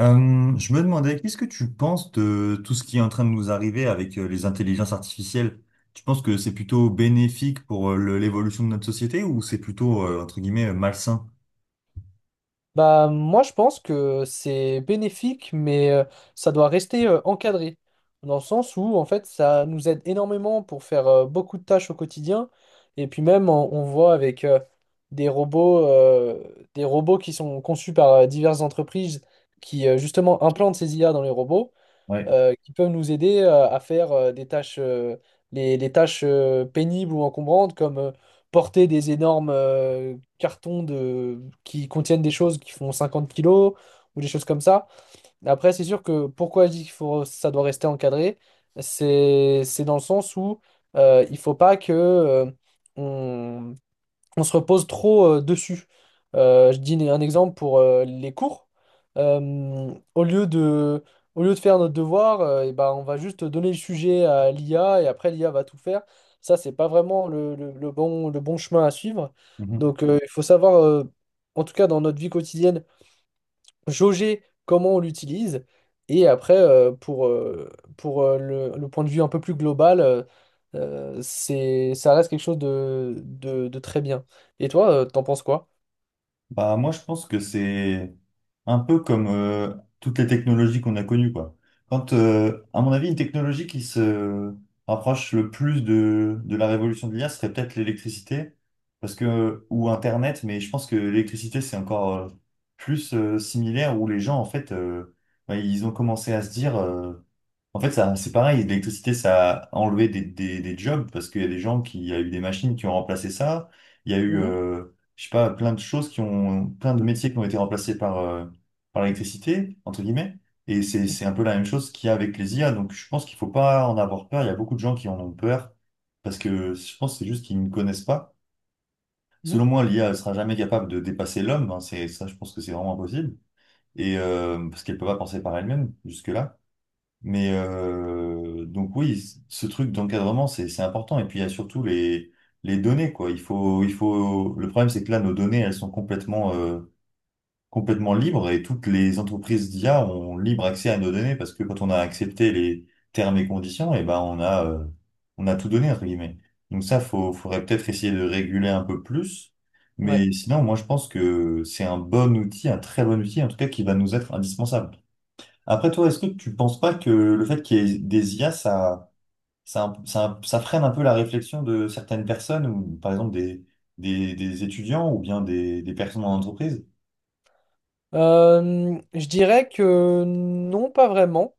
Je me demandais, qu'est-ce que tu penses de tout ce qui est en train de nous arriver avec les intelligences artificielles? Tu penses que c'est plutôt bénéfique pour l'évolution de notre société ou c'est plutôt, entre guillemets, malsain? Bah, moi, je pense que c'est bénéfique, mais ça doit rester encadré. Dans le sens où, en fait, ça nous aide énormément pour faire beaucoup de tâches au quotidien. Et puis même, on voit avec des robots, euh, des robots qui sont conçus par diverses entreprises qui, justement, implantent ces IA dans les robots Ouais. Qui peuvent nous aider à faire des tâches, les tâches pénibles ou encombrantes, comme porter des énormes cartons qui contiennent des choses qui font 50 kilos ou des choses comme ça. Après, c'est sûr que pourquoi je dis qu'il faut, ça doit rester encadré, c'est dans le sens où il faut pas que euh, on se repose trop dessus. Je dis un exemple pour les cours. Euh, au lieu de, Au lieu de faire notre devoir, eh ben, on va juste donner le sujet à l'IA et après l'IA va tout faire. Ça, c'est pas vraiment le bon chemin à suivre. Mhm. Donc, il faut savoir, en tout cas dans notre vie quotidienne, jauger comment on l'utilise. Et après, pour le point de vue un peu plus global, ça reste quelque chose de très bien. Et toi, t'en penses quoi? Bah, moi, je pense que c'est un peu comme toutes les technologies qu'on a connues, quoi. À mon avis, une technologie qui se rapproche le plus de la révolution de l'IA serait peut-être l'électricité, parce que, ou Internet, mais je pense que l'électricité, c'est encore plus similaire où les gens, en fait, bah, ils ont commencé à se dire en fait, ça, c'est pareil, l'électricité, ça a enlevé des jobs parce qu'il y a des gens qui, il y a eu des machines qui ont remplacé ça. Il y a eu, Mhm, euh, je sais pas, plein de choses qui ont, plein de métiers qui ont été remplacés par, par l'électricité, entre guillemets. Et c'est un peu la même chose qu'il y a avec les IA. Donc, je pense qu'il faut pas en avoir peur. Il y a beaucoup de gens qui en ont peur parce que je pense que c'est juste qu'ils ne connaissent pas. mhm. Selon moi, l'IA ne sera jamais capable de dépasser l'homme, hein. C'est ça, je pense que c'est vraiment impossible. Parce qu'elle peut pas penser par elle-même jusque-là. Mais donc oui, ce truc d'encadrement, c'est important. Et puis il y a surtout les données, quoi. Il faut... Le problème, c'est que là, nos données, elles sont complètement, complètement libres et toutes les entreprises d'IA ont libre accès à nos données parce que quand on a accepté les termes et conditions, et ben on a tout donné, entre guillemets. Donc ça, faudrait peut-être essayer de réguler un peu plus. Ouais. Mais sinon, moi, je pense que c'est un bon outil, un très bon outil, en tout cas, qui va nous être indispensable. Après toi, est-ce que tu penses pas que le fait qu'il y ait des IA, ça freine un peu la réflexion de certaines personnes, ou par exemple des étudiants ou bien des personnes en entreprise? Je dirais que non, pas vraiment.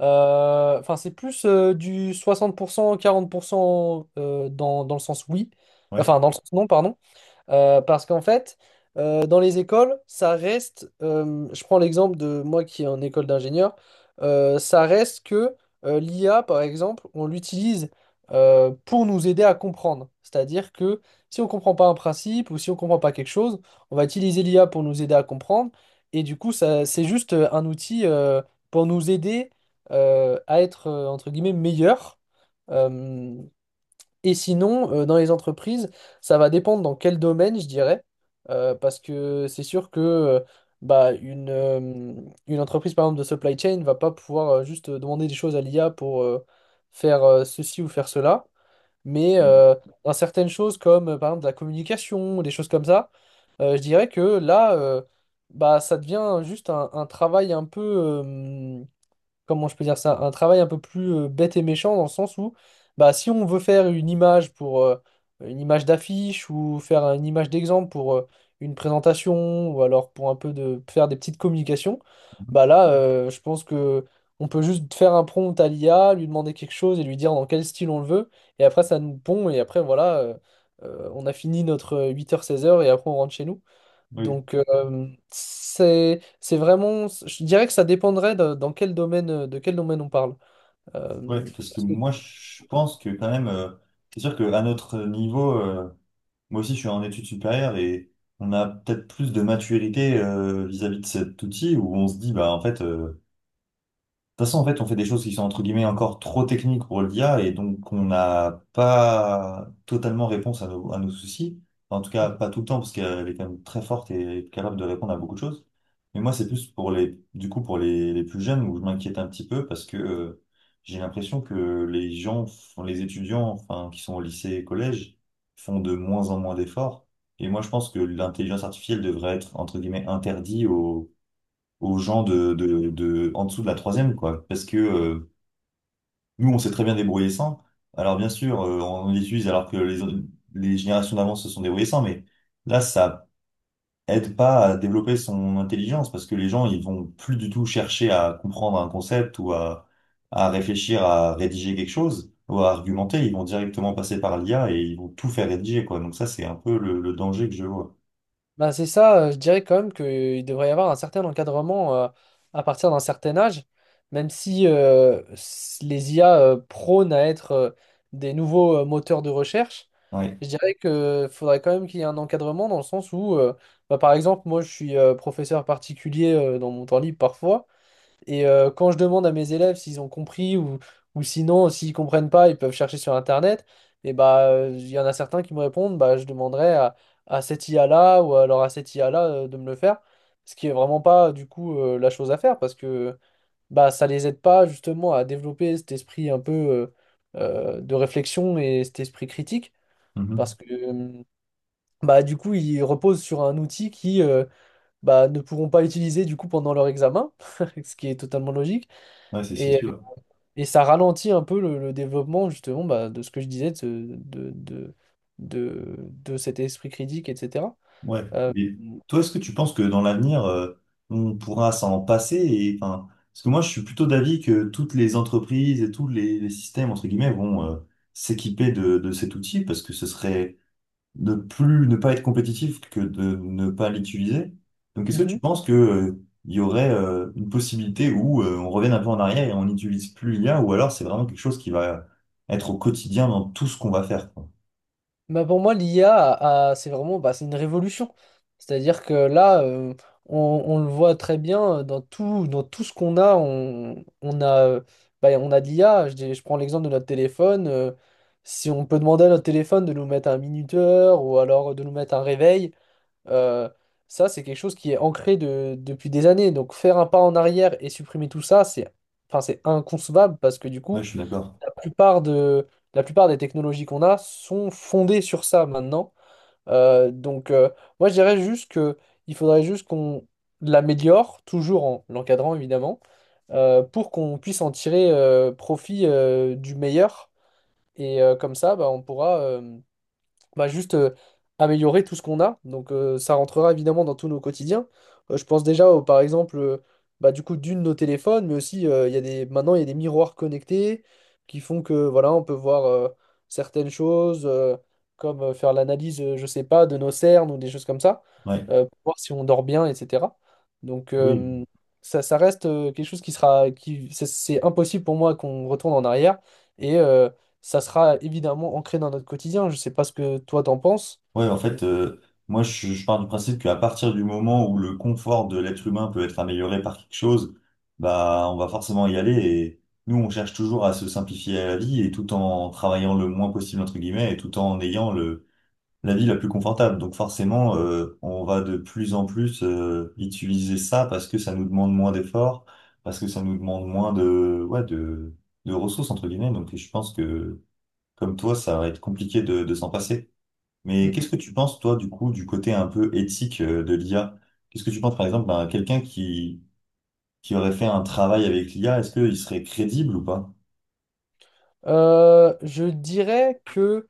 Enfin, c'est plus du 60%, 40% dans le sens oui. Ouais. Enfin, dans le sens non, pardon. Parce qu'en fait, dans les écoles, ça reste, je prends l'exemple de moi qui est en école d'ingénieur, ça reste que l'IA, par exemple, on l'utilise pour nous aider à comprendre. C'est-à-dire que si on ne comprend pas un principe ou si on ne comprend pas quelque chose, on va utiliser l'IA pour nous aider à comprendre. Et du coup, ça, c'est juste un outil pour nous aider à être, entre guillemets, meilleur. Et sinon, dans les entreprises, ça va dépendre dans quel domaine, je dirais. Parce que c'est sûr que bah, une entreprise, par exemple, de supply chain, ne va pas pouvoir juste demander des choses à l'IA pour faire ceci ou faire cela. Mais Ouais. Dans certaines choses comme par exemple de la communication, des choses comme ça, je dirais que là, bah, ça devient juste un travail un peu, comment je peux dire ça, un travail un peu plus bête et méchant, dans le sens où bah, si on veut faire une image pour une image d'affiche ou faire une image d'exemple pour une présentation ou alors pour un peu de faire des petites communications, bah là je pense que on peut juste faire un prompt à l'IA, lui demander quelque chose et lui dire dans quel style on le veut, et après ça nous pond et après voilà on a fini notre 8h-16h et après on rentre chez nous. Oui, Donc, c'est vraiment, je dirais que ça dépendrait dans quel domaine, de quel domaine on parle. ouais, Euh, parce que parce que- moi, je pense que quand même, c'est sûr qu'à notre niveau, moi aussi, je suis en études supérieures et on a peut-être plus de maturité vis-à-vis de cet outil où on se dit, bah en fait, toute façon, en fait, on fait des choses qui sont entre guillemets encore trop techniques pour l'IA et donc on n'a pas totalement réponse à à nos soucis. Enfin, en tout cas, pas tout le temps parce qu'elle est quand même très forte et capable de répondre à beaucoup de choses. Mais moi, c'est plus pour les, du coup, pour les plus jeunes où je m'inquiète un petit peu parce que j'ai l'impression que les étudiants, enfin, qui sont au lycée et collège, font de moins en moins d'efforts. Et moi, je pense que l'intelligence artificielle devrait être entre guillemets interdite aux gens de en dessous de la troisième, quoi. Parce que nous, on s'est très bien débrouillé sans. Alors bien sûr, on les utilise alors que les générations d'avant se sont débrouillées sans, mais là, ça aide pas à développer son intelligence parce que les gens, ils vont plus du tout chercher à comprendre un concept ou à réfléchir à rédiger quelque chose ou à argumenter. Ils vont directement passer par l'IA et ils vont tout faire rédiger, quoi. Donc ça, c'est un peu le danger que je vois. Bah, c'est ça, je dirais quand même qu'il devrait y avoir un certain encadrement à partir d'un certain âge, même si les IA prônent à être des nouveaux moteurs de recherche. Ouais. Je dirais que faudrait quand même qu'il y ait un encadrement dans le sens où, bah, par exemple, moi je suis professeur particulier dans mon temps libre parfois. Et quand je demande à mes élèves s'ils ont compris ou sinon, s'ils comprennent pas, ils peuvent chercher sur Internet. Et bah, il y en a certains qui me répondent, bah, je demanderai à cette IA-là ou alors à cette IA-là de me le faire. Ce qui est vraiment pas, du coup, la chose à faire, parce que bah, ça les aide pas justement à développer cet esprit un peu de réflexion et cet esprit critique, Mhm. parce que bah, du coup, ils reposent sur un outil qui bah, ne pourront pas utiliser du coup pendant leur examen, ce qui est totalement logique. Ouais, c'est Et sûr. et ça ralentit un peu le développement, justement bah, de ce que je disais, de, ce- de cet esprit critique, etc. Ouais. Euh, Mais toi, est-ce que tu penses que dans l'avenir, on pourra s'en passer et, enfin, parce que moi, je suis plutôt d'avis que toutes les entreprises et tous les systèmes, entre guillemets, vont s'équiper de cet outil parce que ce serait ne pas être compétitif que de ne pas l'utiliser. Donc, est-ce que tu mhm. penses que, il y aurait une possibilité où on revienne un peu en arrière et on n'utilise plus l'IA ou alors c'est vraiment quelque chose qui va être au quotidien dans tout ce qu'on va faire, quoi. Bah, pour moi, l'IA, c'est vraiment bah, c'est une révolution. C'est-à-dire que là, on, on le voit très bien dans tout ce qu'on a, bah, on a de l'IA. Je prends l'exemple de notre téléphone. Si on peut demander à notre téléphone de nous mettre un minuteur ou alors de nous mettre un réveil, Euh, ça, c'est quelque chose qui est ancré depuis des années. Donc faire un pas en arrière et supprimer tout ça, c'est enfin, c'est inconcevable, parce que du Ouais, coup, je suis d'accord. la plupart de, la plupart des technologies qu'on a sont fondées sur ça maintenant. Donc moi, je dirais juste que il faudrait juste qu'on l'améliore, toujours en l'encadrant évidemment, pour qu'on puisse en tirer profit du meilleur. Et comme ça, bah, va juste améliorer tout ce qu'on a. Donc ça rentrera évidemment dans tous nos quotidiens. Je pense déjà, par exemple, bah, du coup, nos téléphones, mais aussi, il y a des, maintenant, il y a des miroirs connectés qui font que, voilà, on peut voir certaines choses, comme faire l'analyse, je sais pas, de nos cernes ou des choses comme ça, Ouais. Pour voir si on dort bien, etc. Donc Oui. Ça reste quelque chose qui sera, qui, c'est impossible pour moi qu'on retourne en arrière. Et, ça sera évidemment ancré dans notre quotidien. Je sais pas ce que toi t'en penses. Ouais, en mais- fait, je pars du principe qu'à partir du moment où le confort de l'être humain peut être amélioré par quelque chose, bah, on va forcément y aller. Et nous, on cherche toujours à se simplifier la vie et tout en travaillant le moins possible, entre guillemets, et tout en ayant la vie la plus confortable. Donc, forcément, on va de plus en plus, utiliser ça parce que ça nous demande moins d'efforts, parce que ça nous demande moins de, ouais, de ressources, entre guillemets. Donc, je pense que, comme toi, ça va être compliqué de s'en passer. Mais Mm. qu'est-ce que tu penses, toi, du coup, du côté un peu éthique de l'IA? Qu'est-ce que tu penses, par exemple, ben, qui aurait fait un travail avec l'IA, est-ce qu'il serait crédible ou pas? Je dirais que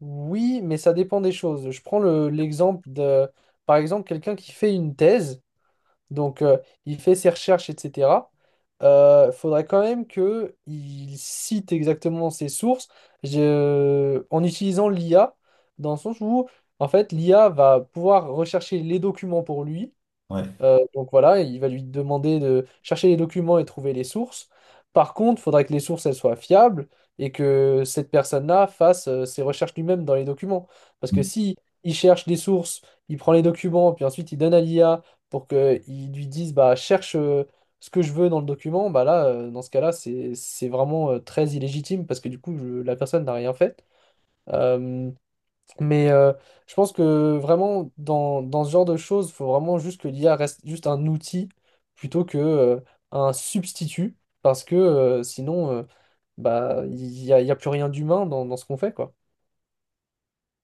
oui, mais ça dépend des choses. Je prends l'exemple par exemple, quelqu'un qui fait une thèse, donc il fait ses recherches, etc. Faudrait quand même que il cite exactement ses sources en utilisant l'IA, dans le sens où, en fait, l'IA va pouvoir rechercher les documents pour lui. Ouais. Donc voilà, il va lui demander de chercher les documents et trouver les sources. Par contre, il faudra que les sources elles soient fiables et que cette personne-là fasse ses recherches lui-même dans les documents. Parce que si il cherche des sources, il prend les documents, puis ensuite il donne à l'IA pour qu'il lui dise bah cherche ce que je veux dans le document, bah là, dans ce cas-là, c'est vraiment très illégitime, parce que du coup, la personne n'a rien fait. Euh, mais je pense que vraiment, dans ce genre de choses, il faut vraiment juste que l'IA reste juste un outil plutôt que un substitut, parce que sinon, bah, il y a plus rien d'humain dans ce qu'on fait, quoi.